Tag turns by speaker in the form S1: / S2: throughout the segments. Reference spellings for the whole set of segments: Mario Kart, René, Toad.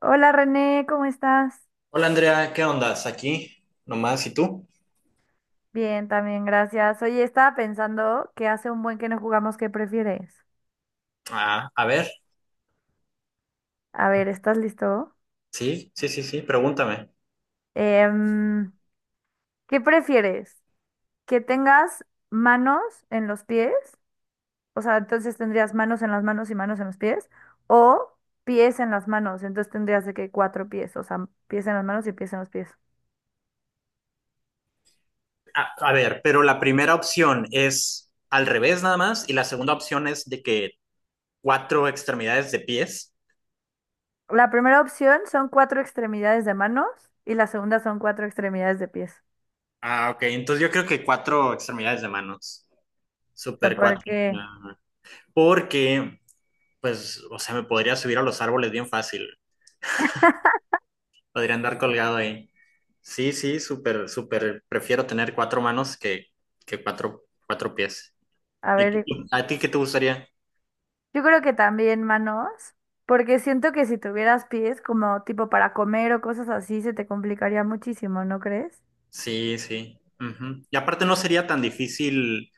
S1: Hola René, ¿cómo estás?
S2: Hola Andrea, ¿qué ondas? Aquí nomás, ¿y tú?
S1: Bien, también, gracias. Oye, estaba pensando que hace un buen que no jugamos, ¿qué prefieres?
S2: Ah, a ver,
S1: A ver, ¿estás listo?
S2: sí, sí, sí, sí, pregúntame.
S1: Em, ¿Qué prefieres? ¿Que tengas manos en los pies? O sea, entonces tendrías manos en las manos y manos en los pies. O pies en las manos, entonces tendrías de que cuatro pies, o sea, pies en las manos y pies en los pies.
S2: A, a ver, pero la primera opción es al revés nada más y la segunda opción es de que cuatro extremidades de pies.
S1: La primera opción son cuatro extremidades de manos y la segunda son cuatro extremidades de pies.
S2: Ah, ok, entonces yo creo que cuatro extremidades de manos. Super cuatro.
S1: Porque,
S2: Ajá. Porque, pues, o sea, me podría subir a los árboles bien fácil. Podría andar colgado ahí. Sí, sí, súper, súper. Prefiero tener cuatro manos que cuatro pies.
S1: a ver,
S2: ¿A ti qué te gustaría?
S1: yo creo que también manos, porque siento que si tuvieras pies como tipo para comer o cosas así, se te complicaría muchísimo, ¿no crees?
S2: Sí, sí. Ujú. Y aparte no sería tan difícil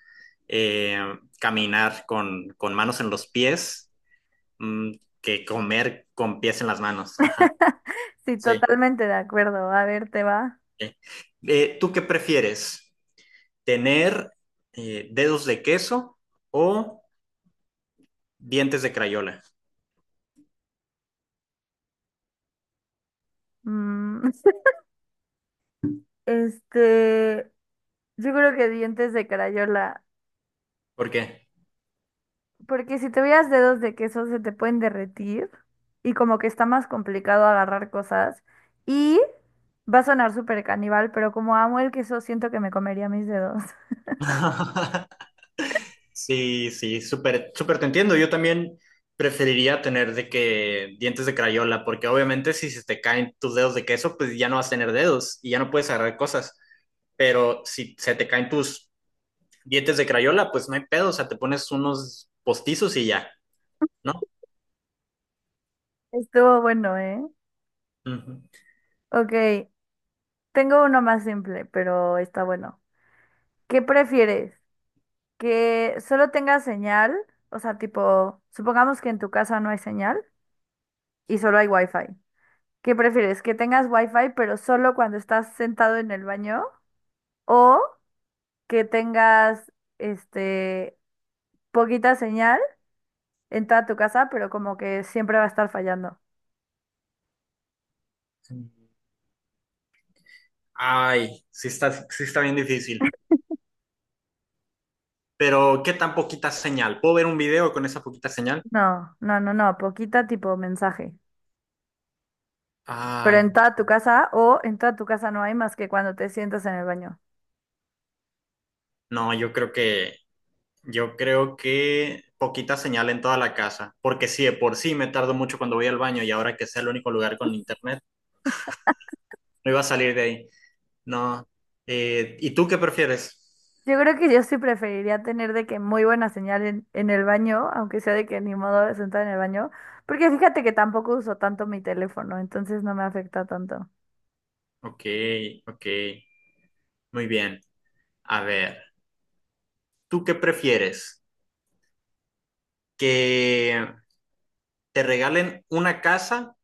S2: eh, caminar con manos en los pies mm, que comer con pies en las manos. Ajá,
S1: Sí,
S2: sí.
S1: totalmente de acuerdo. A ver, te va.
S2: Ok. ¿Tú qué prefieres? ¿Tener dedos de queso o dientes de crayola?
S1: Mm, este, yo creo que dientes de crayola,
S2: ¿Por qué?
S1: porque si tuvieras dedos de queso se te pueden derretir y como que está más complicado agarrar cosas. Y va a sonar súper caníbal, pero como amo el queso, siento que me comería mis dedos.
S2: Sí, sí, súper, súper te entiendo. Yo también preferiría tener de que dientes de crayola, porque obviamente si se te caen tus dedos de queso, pues ya no vas a tener dedos y ya no puedes agarrar cosas. Pero si se te caen tus dientes de crayola, pues no hay pedo, o sea, te pones unos postizos y ya, ¿no?
S1: Estuvo bueno, ¿eh?
S2: Ujú.
S1: Ok, tengo uno más simple, pero está bueno. ¿Qué prefieres? ¿Que solo tenga señal? O sea, tipo, supongamos que en tu casa no hay señal y solo hay wifi. ¿Qué prefieres? ¿Que tengas wifi pero solo cuando estás sentado en el baño? ¿O que tengas, este, poquita señal en toda tu casa, pero como que siempre va a estar fallando?
S2: Ay, sí está bien difícil. Pero, ¿qué tan poquita señal? ¿Puedo ver un video con esa poquita señal?
S1: No, no, no, no, poquita tipo mensaje. Pero
S2: Ay,
S1: en toda tu casa o en toda tu casa no hay más que cuando te sientas en el baño.
S2: no, yo creo que poquita señal en toda la casa, porque si de por sí me tardo mucho cuando voy al baño y ahora que sea el único lugar con internet, no iba a salir de ahí. No. ¿Y tú qué prefieres?
S1: Yo creo que yo sí preferiría tener de que muy buena señal en el baño, aunque sea de que ni modo de sentar en el baño, porque fíjate que tampoco uso tanto mi teléfono, entonces no me afecta tanto.
S2: Ok, ok, muy bien. A ver, ¿tú qué prefieres? ¿Que te regalen una casa,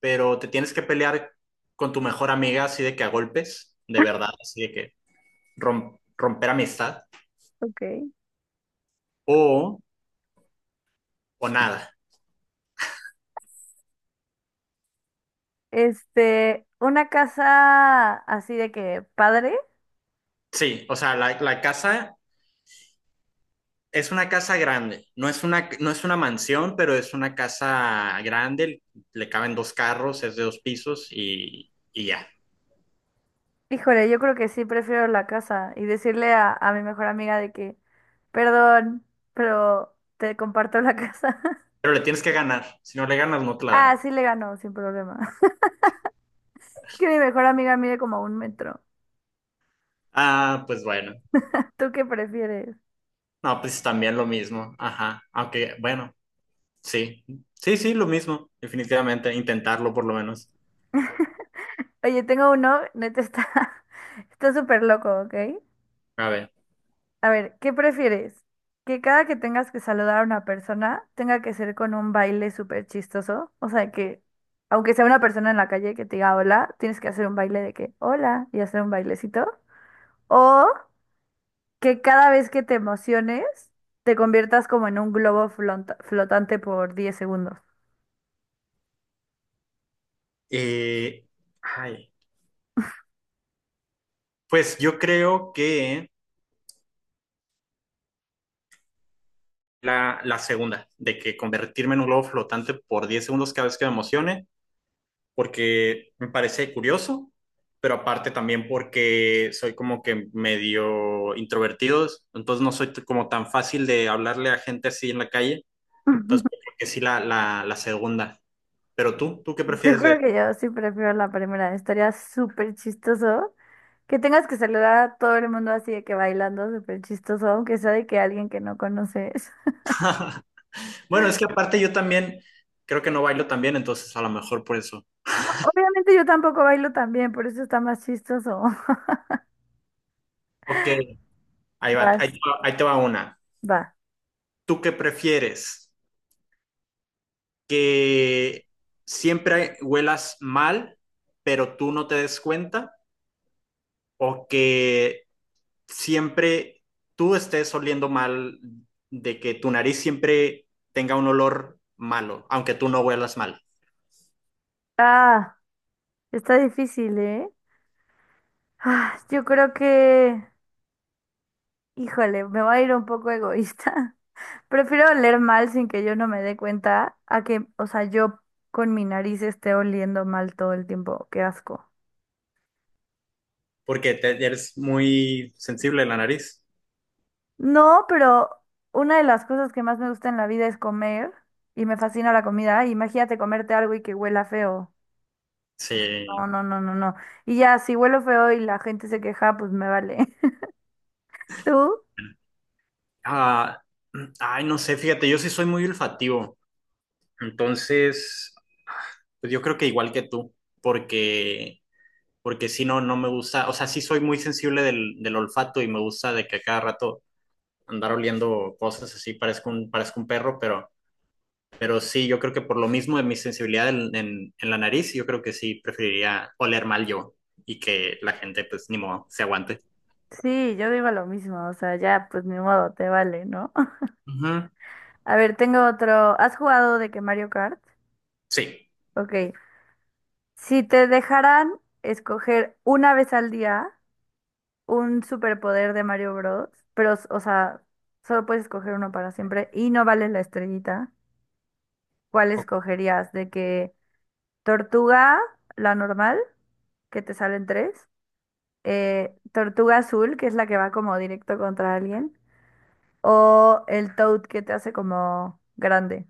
S2: pero te tienes que pelear con tu mejor amiga así de que a golpes, de verdad, así de que romper amistad?
S1: Ok.
S2: ¿O, o nada?
S1: Este, una casa así de que padre,
S2: Sí, o sea, la casa. Es una casa grande, no es una mansión, pero es una casa grande, le caben dos carros, es de dos pisos y ya.
S1: híjole, yo creo que sí prefiero la casa y decirle a mi mejor amiga de que, perdón, pero te comparto la casa.
S2: Pero le tienes que ganar, si no le ganas no te la dan.
S1: Ah, sí le ganó, sin problema. Es que mi mejor amiga mide como un metro.
S2: Ah, pues bueno,
S1: ¿Tú qué prefieres?
S2: no, pues también lo mismo, ajá, aunque bueno, sí, sí, sí, lo mismo, definitivamente, intentarlo por lo menos.
S1: Oye, tengo uno, neta está, está súper loco, ¿ok?
S2: A ver,
S1: A ver, ¿qué prefieres? ¿Que cada que tengas que saludar a una persona tenga que ser con un baile súper chistoso? O sea, que aunque sea una persona en la calle que te diga hola, tienes que hacer un baile de que hola y hacer un bailecito. O que cada vez que te emociones te conviertas como en un globo flotante por 10 segundos.
S2: eh, ay, pues yo creo que la segunda, de que convertirme en un globo flotante por 10 segundos cada vez que me emocione, porque me parece curioso, pero aparte también porque soy como que medio introvertido, entonces no soy como tan fácil de hablarle a gente así en la calle, entonces yo creo que sí la segunda. ¿Tú qué
S1: Yo
S2: prefieres
S1: creo
S2: ver?
S1: que yo sí prefiero la primera, estaría súper chistoso. Que tengas que saludar a todo el mundo así de que bailando súper chistoso, aunque sea de que alguien que no conoces.
S2: Bueno, es que aparte yo también creo que no bailo tan bien, entonces a lo mejor por eso.
S1: Obviamente yo tampoco bailo tan bien, por eso está más chistoso.
S2: Ok, ahí va, ahí
S1: Vas,
S2: te va, ahí te va una.
S1: va.
S2: ¿Tú qué prefieres? ¿Que siempre huelas mal, pero tú no te des cuenta? ¿O que siempre tú estés oliendo mal, de que tu nariz siempre tenga un olor malo, aunque tú no huelas mal,
S1: Ah, está difícil, ¿eh? Ah, yo creo que, híjole, me voy a ir un poco egoísta. Prefiero oler mal sin que yo no me dé cuenta a que, o sea, yo con mi nariz esté oliendo mal todo el tiempo. Qué asco.
S2: porque eres muy sensible a la nariz?
S1: No, pero una de las cosas que más me gusta en la vida es comer y me fascina la comida. Imagínate comerte algo y que huela feo.
S2: Sí.
S1: No, no, no, no, no. Y ya, si huelo feo y la gente se queja, pues me vale. ¿Tú?
S2: Ah, ay, no sé, fíjate, yo sí soy muy olfativo, entonces, pues yo creo que igual que tú, porque, porque si no, no me gusta, o sea, sí soy muy sensible del olfato y me gusta de que a cada rato andar oliendo cosas así, parezco un perro, pero. Pero sí, yo creo que por lo mismo de mi sensibilidad en la nariz, yo creo que sí preferiría oler mal yo y que la gente, pues, ni modo, se aguante.
S1: Sí, yo digo lo mismo. O sea, ya, pues ni modo, te vale, ¿no?
S2: Ujú.
S1: A ver, tengo otro. ¿Has jugado de que Mario Kart?
S2: Sí.
S1: Ok. Si te dejaran escoger una vez al día un superpoder de Mario Bros, pero, o sea, solo puedes escoger uno para siempre y no vale la estrellita. ¿Cuál escogerías? De que tortuga, la normal, que te salen tres, tortuga azul, que es la que va como directo contra alguien, o el toad que te hace como grande.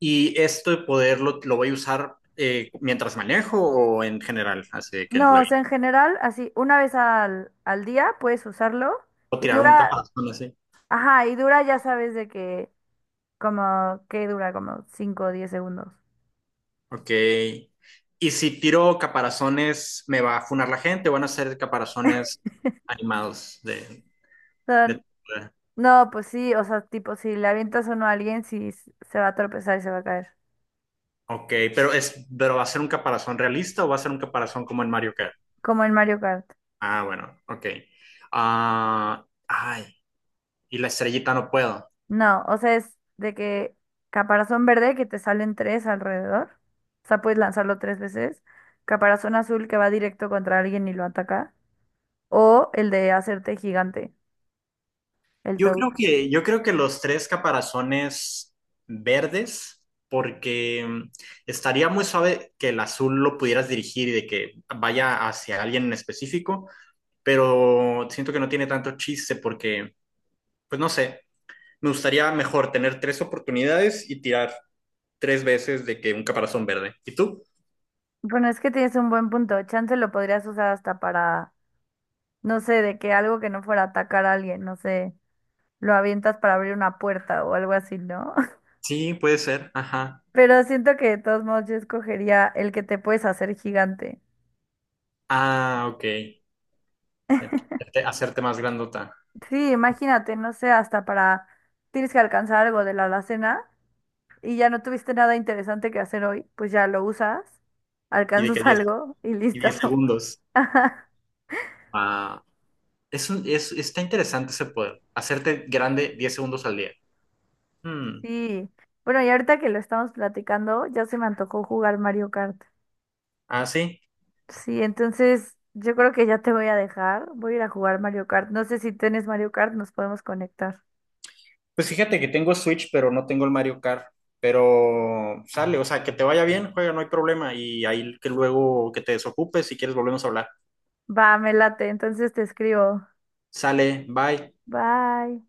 S2: Y esto de poderlo, lo voy a usar mientras manejo o en general, así de que en
S1: No,
S2: la
S1: o
S2: vida.
S1: sea, en general, así, una vez al día puedes usarlo
S2: O
S1: y
S2: tirar un
S1: dura,
S2: caparazón así.
S1: ajá, y dura, ya sabes de que, como, que dura como 5 o 10 segundos. O
S2: Ok. Y si tiro caparazones, ¿me va a funar la gente? ¿O van a ser caparazones animados
S1: sea,
S2: de...
S1: no, pues sí, o sea, tipo, si le avientas uno a alguien, se va a tropezar y se va a caer,
S2: Ok, pero ¿va a ser un caparazón realista o va a ser un caparazón como en Mario Kart?
S1: como en Mario Kart.
S2: Ah, bueno, ok. Ah, ay, y la estrellita no puedo.
S1: No, o sea, es de que caparazón verde que te salen tres alrededor. O sea, puedes lanzarlo tres veces. Caparazón azul que va directo contra alguien y lo ataca. O el de hacerte gigante, el
S2: Yo
S1: Toad.
S2: creo que, yo creo que los tres caparazones verdes, porque estaría muy suave que el azul lo pudieras dirigir y de que vaya hacia alguien en específico, pero siento que no tiene tanto chiste porque, pues no sé, me gustaría mejor tener tres oportunidades y tirar tres veces de que un caparazón verde. ¿Y tú?
S1: Bueno, es que tienes un buen punto. Chance lo podrías usar hasta para, no sé, de que algo que no fuera a atacar a alguien, no sé, lo avientas para abrir una puerta o algo así, ¿no?
S2: Sí, puede ser. Ajá.
S1: Pero siento que de todos modos yo escogería el que te puedes hacer gigante.
S2: Ah, ok. De hacerte más grandota
S1: Sí, imagínate, no sé, hasta para, tienes que alcanzar algo de la alacena y ya no tuviste nada interesante que hacer hoy, pues ya lo usas,
S2: y de que
S1: alcanzas
S2: 10
S1: algo y
S2: y
S1: listo.
S2: 10 segundos.
S1: Ajá,
S2: Ah, está interesante ese poder, hacerte grande 10 segundos al día. Hmm.
S1: sí. Bueno, y ahorita que lo estamos platicando, ya se me antojó jugar Mario Kart.
S2: Ah, sí.
S1: Sí, entonces yo creo que ya te voy a dejar, voy a ir a jugar Mario Kart. No sé si tienes Mario Kart, nos podemos conectar.
S2: Pues fíjate que tengo Switch, pero no tengo el Mario Kart. Pero sale, o sea, que te vaya bien, juega, no hay problema. Y ahí que luego que te desocupes, si quieres volvemos a hablar.
S1: Va, me late, entonces te escribo.
S2: Sale, bye.
S1: Bye.